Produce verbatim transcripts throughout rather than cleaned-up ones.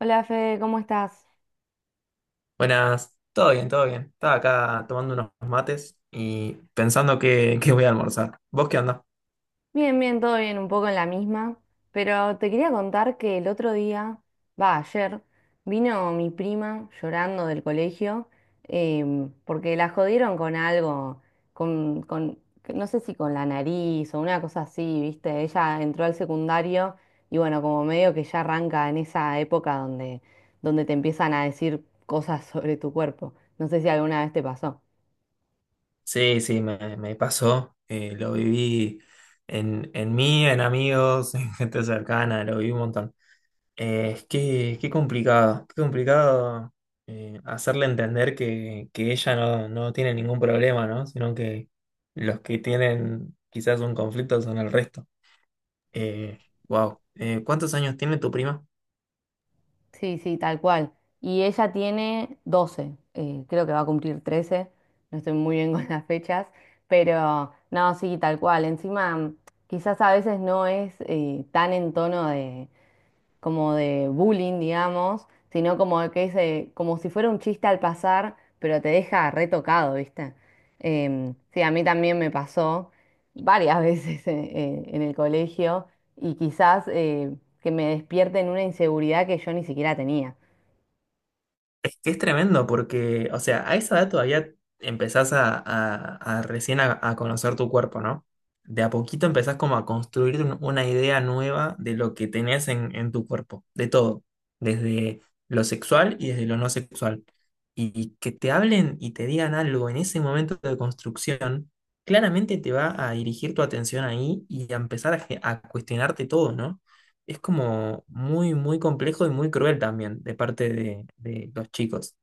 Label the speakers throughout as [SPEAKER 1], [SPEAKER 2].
[SPEAKER 1] Hola Fede, ¿cómo estás?
[SPEAKER 2] Buenas, todo bien, todo bien. Estaba acá tomando unos mates y pensando que, que voy a almorzar. ¿Vos qué onda?
[SPEAKER 1] Bien, bien, todo bien, un poco en la misma, pero te quería contar que el otro día, va, ayer, vino mi prima llorando del colegio em, porque la jodieron con algo, con, con, que no sé si con la nariz o una cosa así, ¿viste? Ella entró al secundario y bueno, como medio que ya arranca en esa época donde, donde te empiezan a decir cosas sobre tu cuerpo. No sé si alguna vez te pasó.
[SPEAKER 2] Sí, sí, me, me pasó. Eh, lo viví en, en mí, en amigos, en gente cercana, lo viví un montón. Eh, es que qué complicado, qué complicado, eh, hacerle entender que, que ella no, no tiene ningún problema, ¿no? Sino que los que tienen quizás un conflicto son el resto. Eh, wow. Eh, ¿cuántos años tiene tu prima?
[SPEAKER 1] Sí, sí, tal cual. Y ella tiene doce, eh, creo que va a cumplir trece. No estoy muy bien con las fechas, pero no, sí, tal cual. Encima, quizás a veces no es eh, tan en tono de, como de bullying, digamos, sino como de que es, eh, como si fuera un chiste al pasar, pero te deja retocado, ¿viste? Em, sí, a mí también me pasó varias veces en, en- en el colegio y quizás eh, que me despierten una inseguridad que yo ni siquiera tenía.
[SPEAKER 2] Es que es tremendo porque, o sea, a esa edad todavía empezás a, a- a recién a, a conocer tu cuerpo, ¿no? De a poquito empezás como a construir un- una idea nueva de lo que tenés en, en tu cuerpo, de todo, desde lo sexual y desde lo no sexual. Y, y que te hablen y te digan algo en ese momento de construcción, claramente te va a dirigir tu atención ahí y a empezar a, ge- a cuestionarte todo, ¿no? Es como muy, muy complejo y muy cruel también de parte de, de los chicos.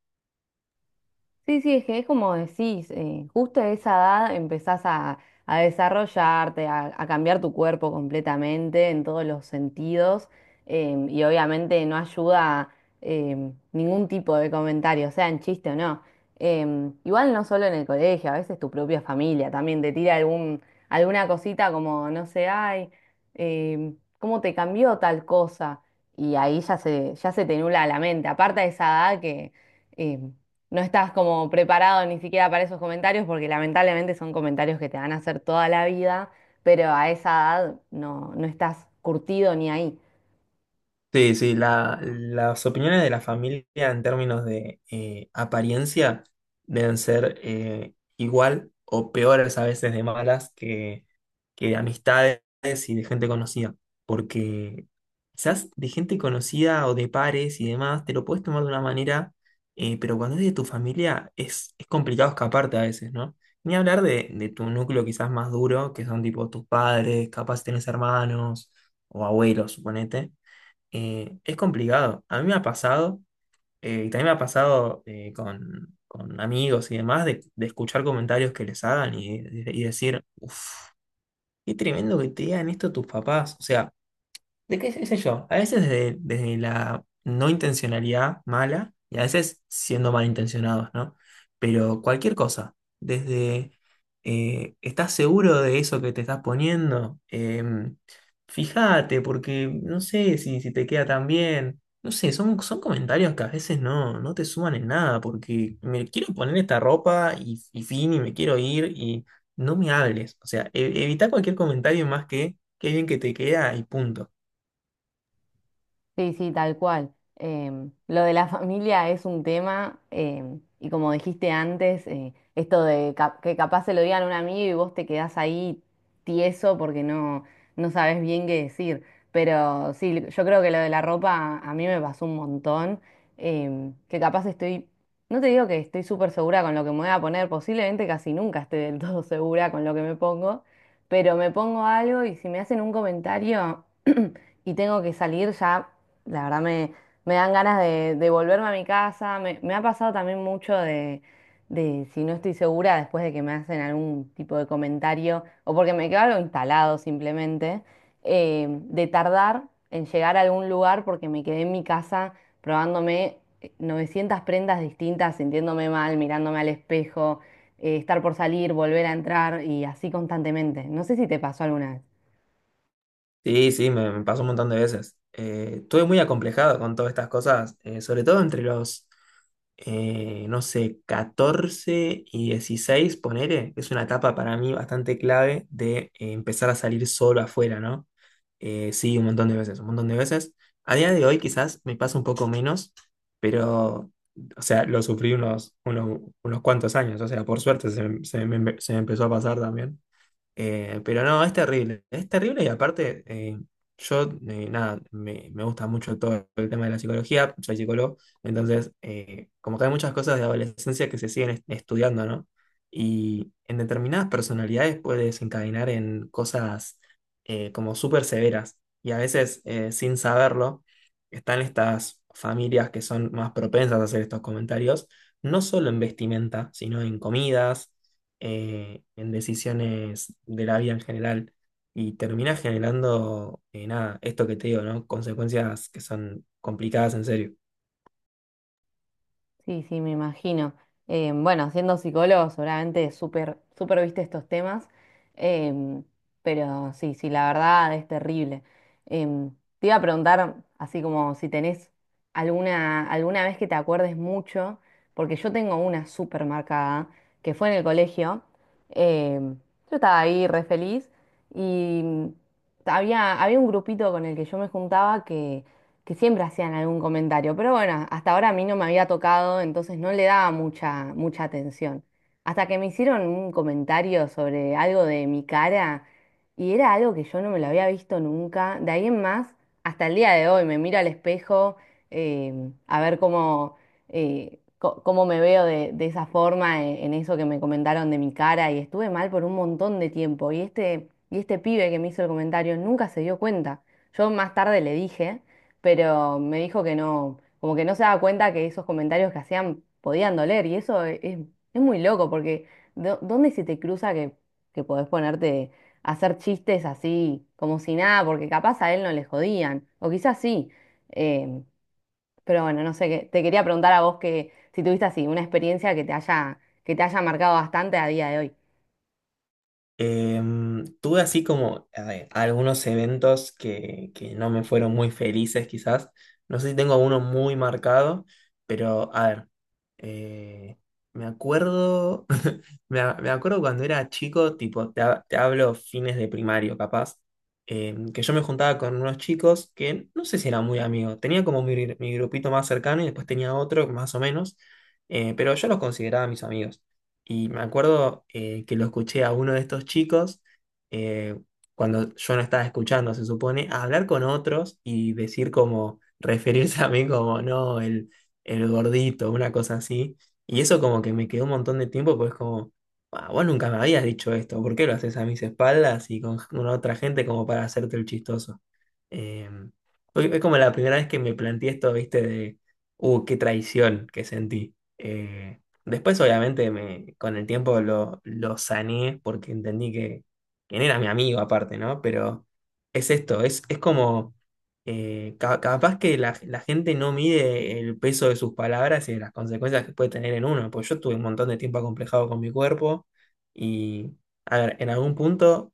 [SPEAKER 1] Sí, sí, es que es como decís, eh, justo a esa edad empezás a, a desarrollarte, a, a cambiar tu cuerpo completamente en todos los sentidos, em, y obviamente no ayuda em, ningún tipo de comentario, sea en chiste o no. Em, igual no solo en el colegio, a veces tu propia familia también te tira algún, alguna cosita como, no sé, ay, em, ¿cómo te cambió tal cosa? Y ahí ya se, ya se te nula la mente, aparte de esa edad que... em, no estás como preparado ni siquiera para esos comentarios, porque lamentablemente son comentarios que te van a hacer toda la vida, pero a esa edad no, no estás curtido ni ahí.
[SPEAKER 2] Sí, sí, la- las opiniones de la familia en términos de eh, apariencia deben ser eh, igual o peores a veces de malas que, que de amistades y de gente conocida. Porque quizás de gente conocida o de pares y demás te lo puedes tomar de una manera, eh, pero cuando es de tu familia es, es complicado escaparte a veces, ¿no? Ni hablar de, de tu núcleo quizás más duro, que son tipo tus padres, capaz tenés hermanos o abuelos, suponete, eh, es complicado. A mí me ha pasado, eh, y también me ha pasado, eh, con, con, amigos y demás, de, de escuchar comentarios que les hagan y, y decir, uff, qué tremendo que te digan esto tus papás. O sea, ¿De qué, qué sé yo? A veces desde, desde la no intencionalidad mala y a veces siendo malintencionados, ¿no? Pero cualquier cosa, desde, eh, ¿estás seguro de eso que te estás poniendo? Em, Fíjate, porque no sé si, si te queda tan bien. No sé, son, son comentarios que a veces no, no te suman en nada, porque me quiero poner esta ropa y, y fin, y me quiero ir y no me hables. O sea, e- evita cualquier comentario más que qué bien que te queda y punto.
[SPEAKER 1] Sí, sí, tal cual. Em, lo de la familia es un tema, em, y como dijiste antes, eh, esto de cap- que capaz se lo digan a un amigo y vos te quedás ahí tieso porque no, no sabes bien qué decir. Pero sí, yo creo que lo de la ropa a mí me pasó un montón, em, que capaz estoy, no te digo que estoy súper segura con lo que me voy a poner, posiblemente casi nunca esté del todo segura con lo que me pongo, pero me pongo algo y si me hacen un comentario y tengo que salir ya. La verdad me, me dan ganas de, de volverme a mi casa. Me, me ha pasado también mucho de, de si no estoy segura después de que me hacen algún tipo de comentario o porque me quedo algo instalado simplemente, eh, de tardar en llegar a algún lugar porque me quedé en mi casa probándome eh, novecientas prendas distintas, sintiéndome mal, mirándome al espejo, eh, estar por salir, volver a entrar y así constantemente. No sé si te pasó alguna vez.
[SPEAKER 2] Sí, sí, me, me pasó un montón de veces. Eh, estuve muy acomplejado con todas estas cosas, eh, sobre todo entre los, eh, no sé, catorce y dieciséis, ponele, que es una etapa para mí bastante clave de eh, empezar a salir solo afuera, ¿no? Eh, sí, un montón de veces, un montón de veces. A día de hoy quizás me pasa un poco menos, pero, o sea, lo sufrí unos, unos, unos cuantos años, o sea, por suerte se, me- se me se me empezó a pasar también. Eh, pero no, es terrible. Es terrible y aparte, eh, yo, eh, nada, me, me gusta mucho todo el tema de la psicología, soy psicólogo, entonces, eh, como que hay muchas cosas de adolescencia que se siguen est- estudiando, ¿no? Y en determinadas personalidades puede desencadenar en cosas, eh, como súper severas y a veces, eh, sin saberlo, están estas familias que son más propensas a hacer estos comentarios, no solo en vestimenta, sino en comidas, eh, en decisiones de la vida en general y termina generando, eh, nada, esto que te digo, ¿no? Consecuencias que son complicadas en serio.
[SPEAKER 1] Sí, sí, me imagino. Eh, bueno, siendo psicólogo, seguramente súper, súper viste estos temas, em, pero sí, sí, la verdad es terrible. Em, Te iba a preguntar, así como si tenés alguna, alguna vez que te acuerdes mucho, porque yo tengo una súper marcada, que fue en el colegio. em, yo estaba ahí re feliz y mm, había, había un grupito con el que yo me juntaba que que siempre hacían algún comentario, pero bueno, hasta ahora a mí no me había tocado, entonces no le daba mucha, mucha atención. Hasta que me hicieron un comentario sobre algo de mi cara y era algo que yo no me lo había visto nunca. De ahí en más, hasta el día de hoy me miro al espejo eh, a ver cómo, eh, co- cómo me veo de, de esa forma eh, en, eso que me comentaron de mi cara y estuve mal por un montón de tiempo y este, y este pibe que me hizo el comentario nunca se dio cuenta. Yo más tarde le dije, pero me dijo que no, como que no se daba cuenta que esos comentarios que hacían podían doler y eso e- es, es muy loco porque ¿dó- ¿dónde se te cruza que, que podés ponerte a hacer chistes así, como si nada, porque capaz a él no le jodían, o quizás sí, em, pero bueno, no sé, qué- te quería preguntar a vos que si tuviste así una experiencia que te haya, que te haya marcado bastante a día de hoy.
[SPEAKER 2] Em, tuve, así como a ver, algunos eventos que, que no me fueron muy felices quizás. No sé si tengo uno muy marcado, pero a ver, eh, me acuerdo, me, a- me acuerdo cuando era chico, tipo, te, ha- te hablo fines de primario capaz, em, que yo me juntaba con unos chicos que no sé si eran muy amigos. Tenía como mi, mi grupito más cercano y después tenía otro más o menos, eh, pero yo los consideraba mis amigos. Y me acuerdo, eh, que lo escuché a uno de estos chicos, eh, cuando yo no estaba escuchando, se supone, a hablar con otros y decir como, referirse a mí como, no, el, el gordito, una cosa así. Y eso como que me quedó un montón de tiempo, pues como, "Ah, vos nunca me habías dicho esto, ¿por qué lo haces a mis espaldas y con, con, otra gente como para hacerte el chistoso?" Eh, fue- es como la primera vez que me planteé esto, viste. De, uh, qué traición que sentí. Eh, Después, obviamente, me, con el tiempo lo, lo sané porque entendí que quién era mi amigo aparte, ¿no? Pero es esto, es, es como, eh, ca- capaz que la, la gente no mide el peso de sus palabras y de las consecuencias que puede tener en uno. Pues yo tuve un montón de tiempo acomplejado con mi cuerpo y, a ver, en algún punto,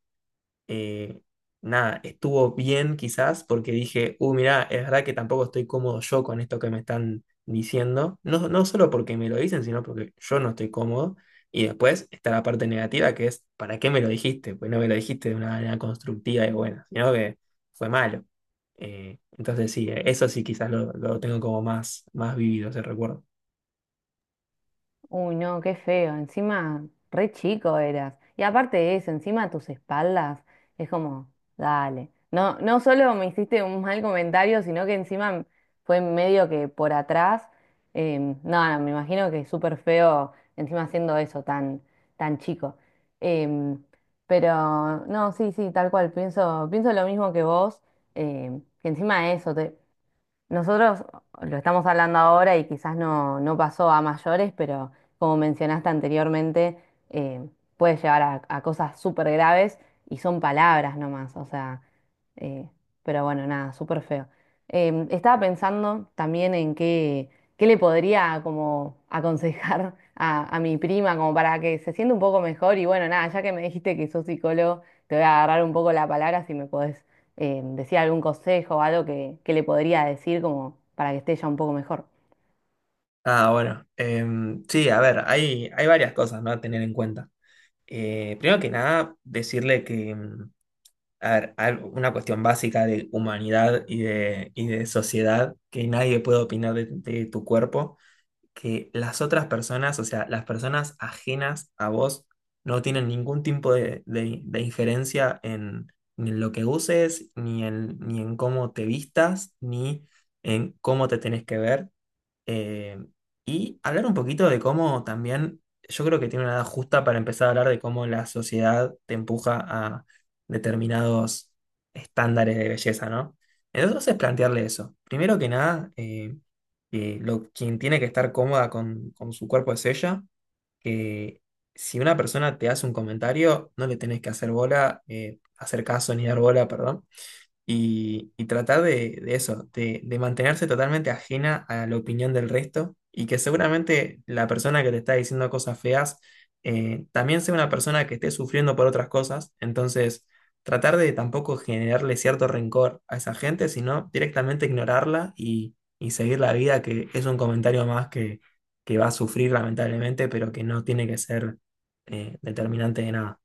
[SPEAKER 2] eh, nada, estuvo bien quizás porque dije, uh, mirá, es verdad que tampoco estoy cómodo yo con esto que me están diciendo, no, no solo porque me lo dicen, sino porque yo no estoy cómodo. Y después está la parte negativa que es, ¿para qué me lo dijiste? Pues no me lo dijiste de una manera constructiva y buena, sino que fue malo. Eh, entonces sí, eh, eso sí quizás lo, lo tengo como más, más vivido ese recuerdo.
[SPEAKER 1] Uy, no, qué feo. Encima, re chico eras. Y aparte de eso, encima tus espaldas, es como, dale. No, no solo me hiciste un mal comentario, sino que encima fue medio que por atrás. Em, no, no, me imagino que es súper feo encima haciendo eso tan, tan chico. Em, pero no, sí, sí, tal cual. Pienso, pienso lo mismo que vos. Em, que encima de eso, te, nosotros lo estamos hablando ahora y quizás no, no pasó a mayores, pero como mencionaste anteriormente, eh, puede llevar a, a cosas súper graves y son palabras nomás, o sea, eh, pero bueno, nada, súper feo. Em, estaba pensando también en qué, qué le podría como aconsejar a, a mi prima como para que se sienta un poco mejor y bueno, nada, ya que me dijiste que sos psicólogo, te voy a agarrar un poco la palabra si me podés eh, decir algún consejo o algo que, que le podría decir como para que esté ya un poco mejor.
[SPEAKER 2] Ah, bueno. Em, sí, a ver, hay, hay varias cosas, ¿no?, a tener en cuenta. Eh, primero que nada, decirle que, mm, a ver, al- una cuestión básica de humanidad y de, y de sociedad, que nadie puede opinar de, de, tu cuerpo, que las otras personas, o sea, las personas ajenas a vos, no tienen ningún tipo de, de- de injerencia en, ni en lo que uses, ni en, ni en cómo te vistas, ni en cómo te tenés que ver. Eh, y hablar un poquito de cómo también, yo creo que tiene una edad justa para empezar a hablar de cómo la sociedad te empuja a determinados estándares de belleza, ¿no? Entonces plantearle eso. Primero que nada, eh, que lo- quien tiene que estar cómoda con, con, su cuerpo es ella, que si una persona te hace un comentario, no le tenés que hacer bola, eh, hacer caso ni dar bola, perdón, y, y, tratar de, de eso, de, de mantenerse totalmente ajena a la opinión del resto y que seguramente la persona que te está diciendo cosas feas, eh, también sea una persona que esté sufriendo por otras cosas. Entonces, tratar de tampoco generarle cierto rencor a esa gente, sino directamente ignorarla y, y, seguir la vida, que es un comentario más, que, que va a sufrir lamentablemente, pero que no tiene que ser, eh, determinante de nada.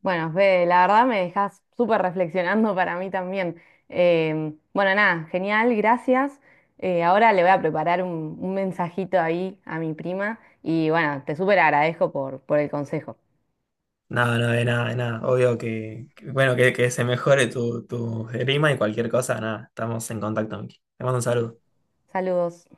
[SPEAKER 1] Bueno, Fede, la verdad me dejas súper reflexionando para mí también. Eh, bueno, nada, genial, gracias. Eh, ahora le voy a preparar un, un mensajito ahí a mi prima y bueno, te súper agradezco por, por el consejo.
[SPEAKER 2] No, no, de nada, de nada. Obvio que, que- bueno, que, que se mejore tu, tu rima y cualquier cosa, nada. Estamos en contacto, Miki. Te mando un saludo.
[SPEAKER 1] Saludos.